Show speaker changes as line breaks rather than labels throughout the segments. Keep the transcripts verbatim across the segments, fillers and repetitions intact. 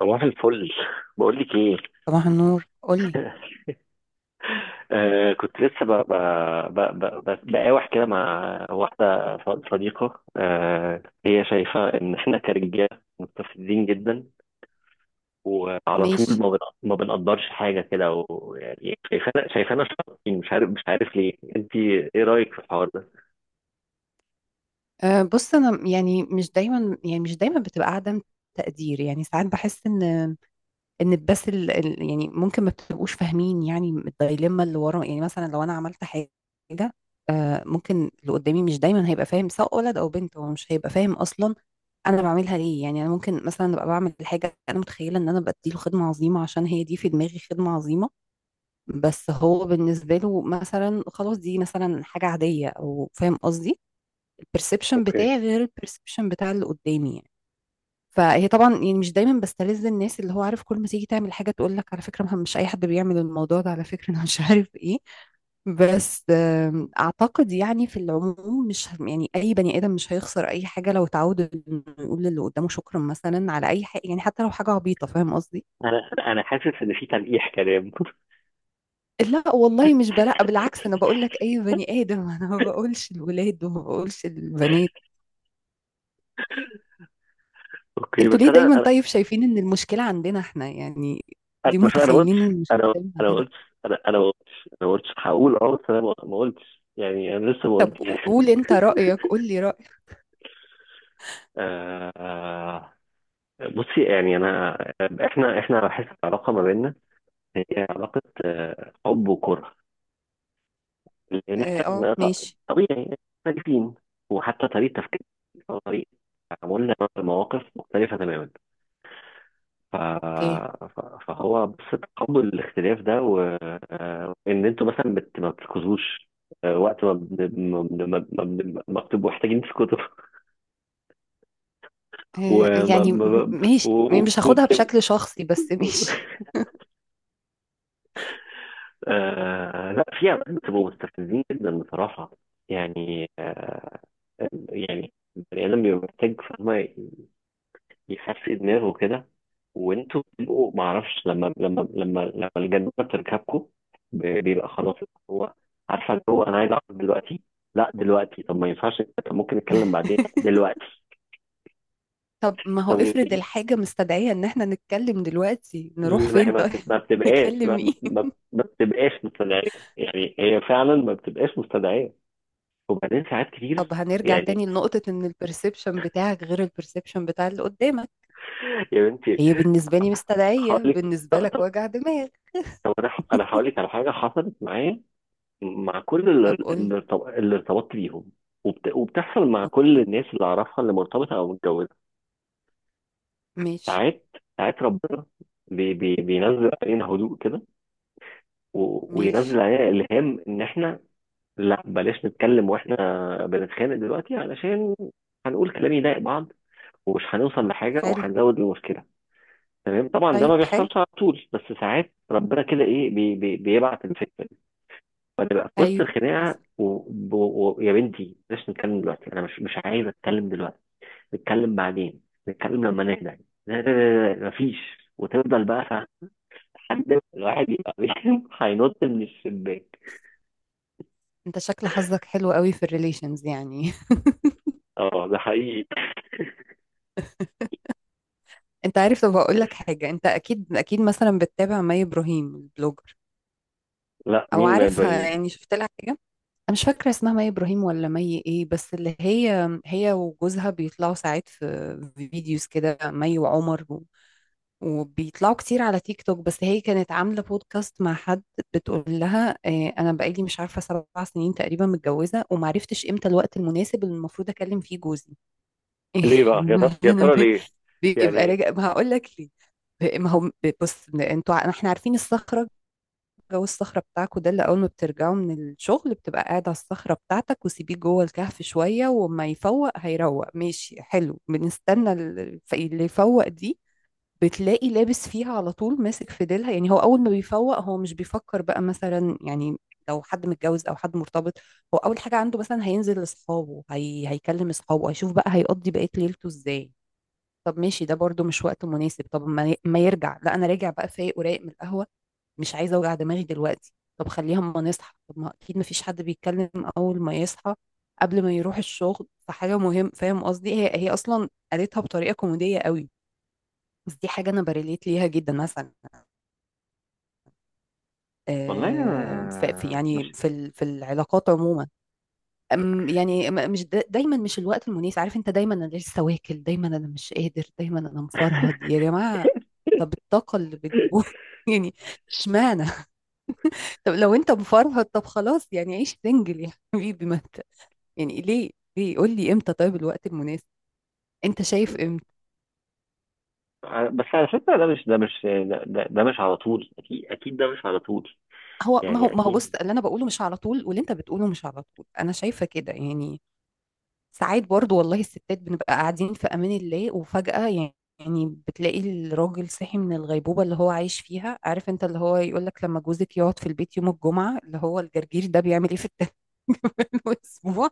صباح الفل بقول لك ايه.
صباح النور، قولي.
آه كنت لسه ب- ب- ب- ب- ب- بقاوح كده مع واحده ص- صديقه. آه هي شايفه ان احنا كرجاله مستفزين جدا، وعلى طول
ماشي.
ما بن- ما بنقدرش حاجه كده، ويعني شايفانا شايفانا شاطرين، مش عارف مش عارف ليه. انت ايه رايك في الحوار ده؟
أه، بص انا يعني مش دايما يعني مش دايما بتبقى عدم تقدير. يعني ساعات بحس ان ان بس ال ال- يعني ممكن ما بتبقوش فاهمين، يعني الدايليما اللي ورا. يعني مثلا لو انا عملت حاجه أه، ممكن اللي قدامي مش دايما هيبقى فاهم، سواء ولد او بنت هو مش هيبقى فاهم اصلا انا بعملها ليه. يعني انا ممكن مثلا ابقى بعمل حاجه انا متخيله ان انا بديله خدمه عظيمه عشان هي دي في دماغي خدمه عظيمه، بس هو بالنسبه له مثلا خلاص دي مثلا حاجه عاديه، او فاهم قصدي. الperception
اوكي.
بتاعي غير الperception بتاع اللي قدامي يعني. فهي طبعا يعني مش دايما بستلذ الناس، اللي هو عارف كل ما تيجي تعمل حاجه تقول لك على فكره، مه- مش اي حد بيعمل الموضوع ده، على فكره انا مش عارف ايه. بس آم، اعتقد يعني في العموم، مش ه- يعني اي بني ادم مش هيخسر اي حاجه لو اتعود انه يقول للي قدامه شكرا مثلا على اي حاجه، يعني حتى لو حاجه عبيطه، فاهم قصدي.
انا انا حاسس ان في تلقيح كلام.
لا والله، مش بلا، بالعكس. انا بقول لك اي بني ادم انا ما بقولش الولاد وما بقولش البنات.
اوكي،
انتوا
بس
ليه دايما؟
انا
طيب، شايفين ان المشكلة عندنا احنا يعني؟
انا
ليه
مش، انا ما قلتش،
متخيلين ان المشكلة
انا
دايما
انا ما
عندنا؟
قلتش، انا انا ما قلتش، انا ما قلتش، هقول اه، بس انا ما ما قلتش، يعني انا لسه ما
طب
قلتش.
قو- قول انت رأيك، قول لي رأيك.
آه بصي يعني انا، احنا احنا بحس العلاقه ما بيننا هي علاقه حب وكره، لان
اه، اه،
احنا ط-
ماشي.
طبيعي مختلفين، وحتى طريقه تفكيرنا وطريقه تعاملنا مع المواقف مختلفه تماما. ف...
اوكي.
ف- فهو بس تقبل الاختلاف ده. و... آه، وان انتوا مثلا بت... ما بتركزوش. آه، وقت ما بن- ما بن- ما بن- ما بن- ما بتبقوا محتاجين تسكتوا.
اه
وما
يعني م-
ما... و...
ماشي،
و-
مش هاخدها
وبتبقوا.
بشكل شخصي، بس ماشي.
آه... لا، في اوقات بتبقوا مستفزين جدا بصراحة. يعني آه... يعني البني آدم بيبقى محتاج، فاهمة، يحسن دماغه كده، وانتوا بتبقوا ما اعرفش، لما لما لما لما الجنة بتركبكم ب- بيبقى خلاص هو. عارفه اللي هو انا عايز اعرف دلوقتي، لا دلوقتي، طب ما ينفعش، طب ممكن نتكلم بعدين دلوقتي.
طب ما هو
طب
افرض
يمكن-
الحاجة مستدعية ان احنا نتكلم دلوقتي، نروح
ما هي
فين
ما
طيب؟
بت- ما بتبقاش،
نكلم
ما
مين؟
ما- ما بتبقاش مستدعيه، يعني هي فعلا ما بتبقاش مستدعيه. وبعدين ساعات
طب
كتير،
هنرجع
يعني.
تاني لنقطة ان البرسبشن بتاعك غير البرسبشن بتاع اللي قدامك.
يا بنتي،
هي بالنسبة لي مستدعية،
هقول لك.
بالنسبة
طب
لك
طب-
وجع دماغ.
طب انا، ح- انا هقول لك على حاجه حصلت معايا مع كل
طب
ال-
قول لي.
اللي ارتب- اللي ارتبطت بيهم. وبت... وبتحصل مع كل
اوكي.
الناس اللي اعرفها اللي مرتبطه او متجوزه.
ماشي.
ساعات، ساعات ربنا بي... بي... بينزل علينا هدوء كده، و...
ماشي.
وينزل علينا الهام ان احنا، لا بلاش نتكلم واحنا بنتخانق دلوقتي علشان هنقول كلام يضايق بعض، ومش هنوصل لحاجه،
حلو.
وهنزود المشكله. تمام، طبعا ده ما
طيب، حلو.
بيحصلش على طول، بس ساعات ربنا كده ايه بي... بي... بيبعت الفكره وهنبقى في وسط
ايوه،
الخناقه
حصل.
ويا. و... و... يا بنتي بلاش نتكلم دلوقتي، انا مش مش عايز اتكلم دلوقتي، نتكلم بعدين، نتكلم لما نهدى. لا، لا، لا، لا، مفيش. وتفضل بقى، فاهم؟ لحد ما الواحد يبقى بيهم هينط من الشباك.
انت شكل حظك حلو قوي في الريليشنز يعني.
اه ده حقيقي.
انت عارف، طب اقول لك حاجه. انت اكيد اكيد مثلا بتتابع مي ابراهيم البلوجر،
لا،
او
مين ما
عارفها
يبين.
يعني، شفت لها حاجه. انا مش فاكره اسمها مي ابراهيم ولا مي ايه، بس اللي هي هي وجوزها بيطلعوا ساعات في فيديوز كده، مي وعمر، وبيطلعوا كتير على تيك توك. بس هي كانت عاملة بودكاست مع حد، بتقول لها آه، أنا بقالي مش عارفة سبع سنين تقريبا متجوزة، ومعرفتش إمتى الوقت المناسب اللي المفروض أكلم فيه جوزي.
ليه بقى، يا ترى يا
أنا
ترى
ب-
ليه؟
بيبقى
يعني
راجع، ما هقول لك ليه. ما هو بص، انتوا ع- احنا عارفين الصخرة، جو الصخرة بتاعكوا ده، اللي أول ما بترجعوا من الشغل بتبقى قاعد على الصخرة بتاعتك، وسيبيه جوه الكهف شوية وما يفوق هيروق، ماشي حلو، بنستنى ال- الف- اللي يفوق دي. بتلاقي لابس فيها على طول، ماسك في ديلها يعني. هو اول ما بيفوق، هو مش بيفكر بقى مثلا يعني لو حد متجوز او حد مرتبط. هو اول حاجه عنده، مثلا هينزل لاصحابه، هي... هيكلم اصحابه، هيشوف بقى هيقضي بقيه ليلته ازاي. طب ماشي، ده برضو مش وقت مناسب. طب ما, ي... ما يرجع، لا انا راجع بقى فايق ورايق من القهوه، مش عايزه اوجع دماغي دلوقتي، طب خليها اما نصحى. طب ما اكيد ما فيش حد بيتكلم اول ما يصحى قبل ما يروح الشغل فحاجه مهم، فاهم قصدي. هي هي اصلا قالتها بطريقه كوميديه قوي، بس دي حاجة أنا بريليت ليها جدا مثلا.
والله
آه، ف- في
أنا
يعني
مش.
في ال- في العلاقات عموما، أم- يعني م- مش دا- دايما مش الوقت المناسب، عارف أنت، دايما أنا لسه واكل، دايما أنا مش قادر، دايما أنا مفرهد يا جماعة. طب الطاقة اللي بتجيبوها يعني، اشمعنى؟ طب لو أنت مفرهد طب خلاص يعني، عيش سنجل يا حبيبي، ما أنت يعني ليه ليه قول لي إمتى طيب الوقت المناسب، أنت شايف إمتى؟
بس على فكرة ده مش، ده مش ده, ده ده مش على طول، أكيد أكيد ده مش على طول،
هو ما هو
يعني
ما هو بص،
أكيد.
اللي أنا بقوله مش على طول، واللي أنت بتقوله مش على طول، أنا شايفة كده يعني. ساعات برضو والله، الستات بنبقى قاعدين في امان الله وفجأة يعني يعني بتلاقي الراجل صحي من الغيبوبة اللي هو عايش فيها. عارف انت اللي هو يقولك لما جوزك يقعد في البيت يوم الجمعة، اللي هو الجرجير ده بيعمل ايه في التمام؟ والاسبوع،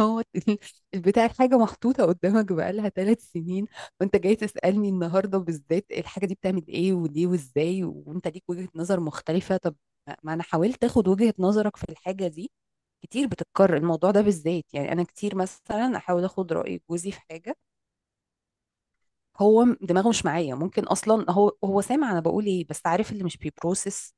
هو ال- البتاع، الحاجة محطوطة قدامك بقالها ثلاث سنين، وانت جاي تسألني النهاردة بالذات الحاجة دي بتعمل ايه وليه وازاي، وانت ليك وجهة نظر مختلفة. طب ما انا حاولت اخد وجهة نظرك في الحاجة دي. كتير بتتكرر الموضوع ده بالذات، يعني انا كتير مثلا احاول اخد راي جوزي في حاجه، هو م- دماغه مش معايا، ممكن اصلا هو هو سامع انا بقول ايه، بس عارف اللي مش بيبروسس.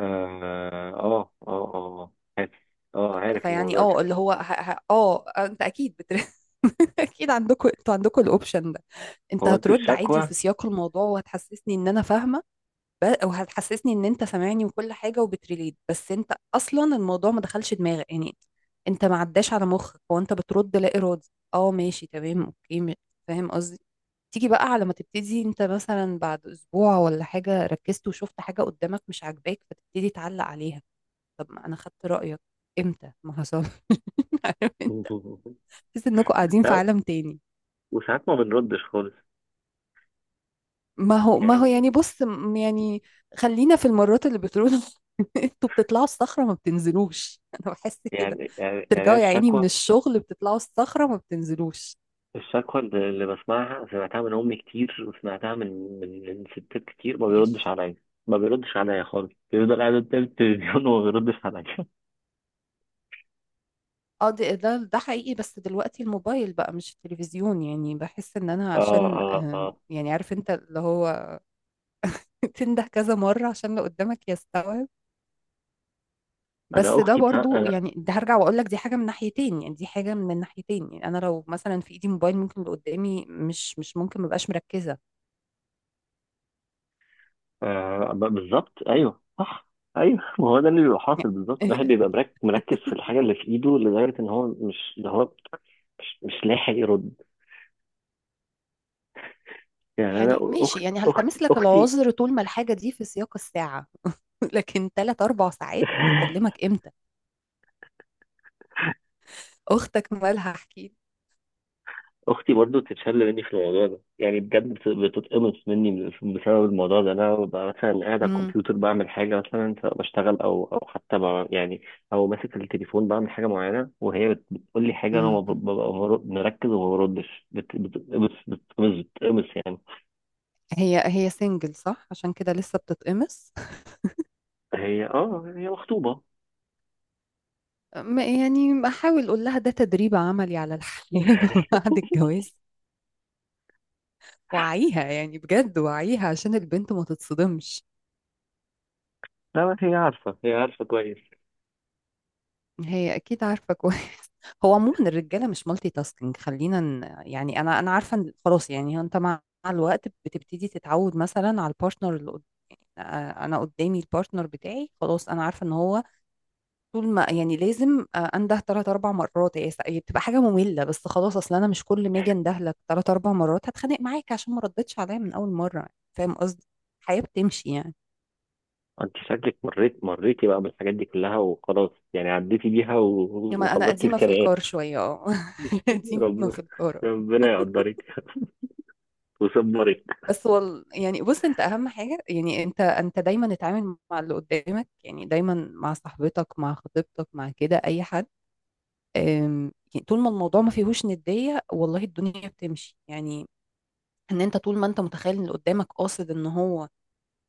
اه، اه، اه، اه، عارف. اه عارف
فيعني
الموضوع ده.
اه، اللي هو ه... ه... اه انت اكيد بتر... اكيد عندكم انتوا، عندكم الاوبشن ده. انت
هو انتوا
هترد عادي
الشكوى.
وفي سياق الموضوع وهتحسسني ان انا فاهمه، ب- وهتحسسني ان انت سامعني، وكل حاجه، وبتريليت، بس انت اصلا الموضوع ما دخلش دماغك يعني، انت ما عداش على مخك، هو انت بترد لا ارادي. اه، ماشي، تمام، اوكي، م- فاهم قصدي. تيجي بقى على ما تبتدي انت مثلا بعد اسبوع ولا حاجة، ركزت وشفت حاجة قدامك مش عاجباك فتبتدي تعلق عليها. طب ما انا خدت رأيك امتى ما حصل؟ عارف انت؟ تحس انكم قاعدين في
لا،
عالم تاني.
وساعات ما بنردش خالص،
ما هو ما هو يعني
يعني
بص، م- يعني خلينا في المرات اللي بتقولوا. انتوا بتطلعوا الصخرة ما بتنزلوش. انا بحس
يعني
كده،
يعني يعني أنا
ترجعوا يا عيني من
الشكوى.
الشغل بتطلعوا الصخرة ما بتنزلوش.
الشكوى اللي اللي بسمعها، سمعتها من امي كتير، وسمعتها من من من ستات كتير ما بيردش
ماشي.
عليا. ما بيردش عليا خالص، بيفضل قاعد قدام التلفزيون وما بيردش عليا.
اه، ده ده ده حقيقي، بس دلوقتي الموبايل بقى مش التلفزيون يعني، بحس ان انا
اه،
عشان
اه،
آه،
اه.
يعني عارف انت اللي هو تنده كذا مرة عشان اللي قدامك يستوعب.
انا
بس ده
اختي بتاع
برضو
انا.
يعني، ده هرجع واقول لك، دي حاجة من ناحيتين يعني دي حاجة من الناحيتين يعني. انا لو مثلا في ايدي موبايل، ممكن اللي قدامي مش مش ممكن مبقاش مركزة.
آه ب- بالظبط، ايوه صح. ايوه ما هو ده اللي بيبقى حاصل بالظبط، الواحد بيبقى مرك- مركز في الحاجه اللي في ايده لدرجه ان هو مش ده، هو مش, مش لاحق يرد. يعني انا
يعني ماشي،
اخت
يعني
اخت
هلتمس لك
اختي.
العذر طول ما الحاجة دي في سياق الساعة. لكن ثلاث أربع ساعات هكلمك امتى؟ اختك مالها،
اختي برضو بتتشل مني في الموضوع ده، يعني بجد بت- بتتقمص مني بسبب الموضوع ده. انا ببقى مثلا قاعد على
احكي.
الكمبيوتر بعمل حاجه مثلا، سواء بشتغل او او حتى ب- يعني، او ماسك التليفون بعمل حاجه معينه، وهي بت- بتقول لي حاجه، انا ما ب- ببقى مر- مركز وما بردش، بت- بتتقمص بتتقمص بتتقمص، يعني.
هي هي سنجل صح؟ عشان كده لسه بتتقمص.
هي اه هي مخطوبه.
م- يعني احاول اقول لها ده تدريب عملي على الحياة بعد الجواز. وعيها يعني بجد، وعيها عشان البنت ما تتصدمش.
لا بس هي عارفه، هي عارفه كويس.
هي اكيد عارفة كويس. هو عموما الرجالة مش مالتي تاسكينج، خلينا ن- يعني، انا انا عارفة إن خلاص يعني، انت مع مع الوقت بتبتدي تتعود مثلا على البارتنر اللي قد- آه، انا قدامي البارتنر بتاعي، خلاص انا عارفة ان هو طول ما، يعني لازم، آه، انده ثلاث أربع مرات، هي سا- هي بتبقى حاجه ممله، بس خلاص، اصل انا مش كل ما اجي انده لك ثلاث أربع مرات هتخانق معاك عشان ما ردتش عليا من اول مره، فاهم قصدي. الحياه بتمشي يعني.
انت شكلك مريت مريتي بقى بالحاجات دي كلها وخلاص، يعني عديتي بيها و-
انما انا
وخلصتي
قديمه في
الكرقات.
الكار شويه، اه. قديمه
رب-
في الكار آه.
ربنا يقدرك وصبري.
بس وال... يعني بص، انت اهم حاجه يعني، انت انت دايما اتعامل مع اللي قدامك يعني، دايما مع صاحبتك، مع خطيبتك، مع كده اي حد. أم، يعني طول ما الموضوع ما فيهوش ندية، والله الدنيا بتمشي يعني. ان انت طول ما انت متخيل ان اللي قدامك قاصد ان هو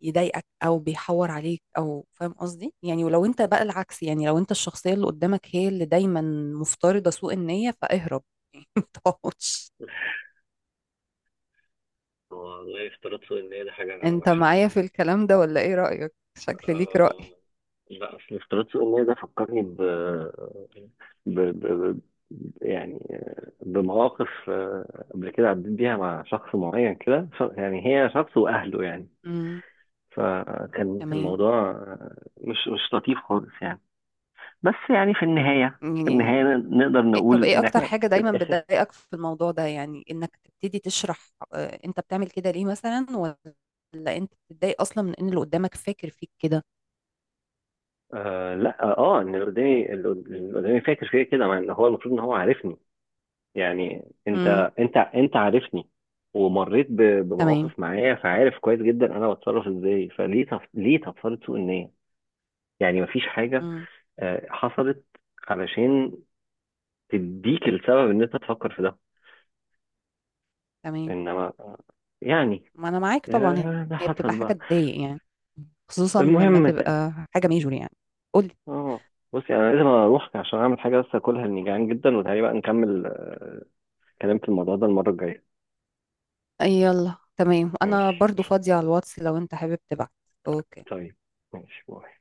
يضايقك او بيحور عليك، او فاهم قصدي يعني. ولو انت بقى العكس يعني، لو انت الشخصية اللي قدامك هي اللي دايما مفترضة سوء النية، فاهرب. متقعدش.
والله افتراض سوء النية ده حاجة
انت
وحشة
معايا
أوي.
في الكلام ده ولا ايه رأيك؟ شكل ليك
اه،
رأي.
اه. لا أصل افتراض سوء النية ده فكرني ب... ب... ب... ب... يعني بمواقف، آه، قبل كده عديت بيها مع شخص معين كده، ش- يعني هي شخص وأهله يعني.
امم
فكان كان
تمام.
موضوع، آه، مش مش لطيف خالص يعني. بس يعني في النهاية، في
يعني
النهاية ن- نقدر
إيه، طب
نقول
ايه
إن
اكتر
إحنا
حاجة
في
دايما
الآخر.
بتضايقك في الموضوع ده، يعني انك تبتدي تشرح آه، انت بتعمل كده ليه مثلا؟ ولا انت بتتضايق اصلا من ان اللي قدامك فاكر فيك كده؟
آه لا، اه ان اللي قدامي، اللي قدامي فاكر فيا كده، مع ان هو المفروض ان هو عارفني. يعني
امم
انت، انت انت عارفني ومريت ب-
تمام.
بمواقف معايا، فعارف كويس جدا انا بتصرف ازاي. فليه تف... ليه تفصلت سوء النية؟ يعني مفيش حاجة،
مم.
آه، حصلت علشان تديك السبب ان انت تفكر في ده،
تمام.
انما، آه، يعني،
ما انا معاك طبعا.
آه، ده
هي بتبقى
حصل
حاجه
بقى.
تضايق يعني، خصوصا لما
المهم ت...
تبقى حاجه ميجور يعني. قولي.
اه بصي، انا لازم اروح عشان اعمل حاجة بس اكلها لاني جعان جدا. وتعالي بقى نكمل آه، كلام في الموضوع ده المرة الجاية.
يلا تمام، انا
ماشي.
برضو فاضيه على الواتس لو انت حابب تبعت. اوكي.
طيب ماشي باي.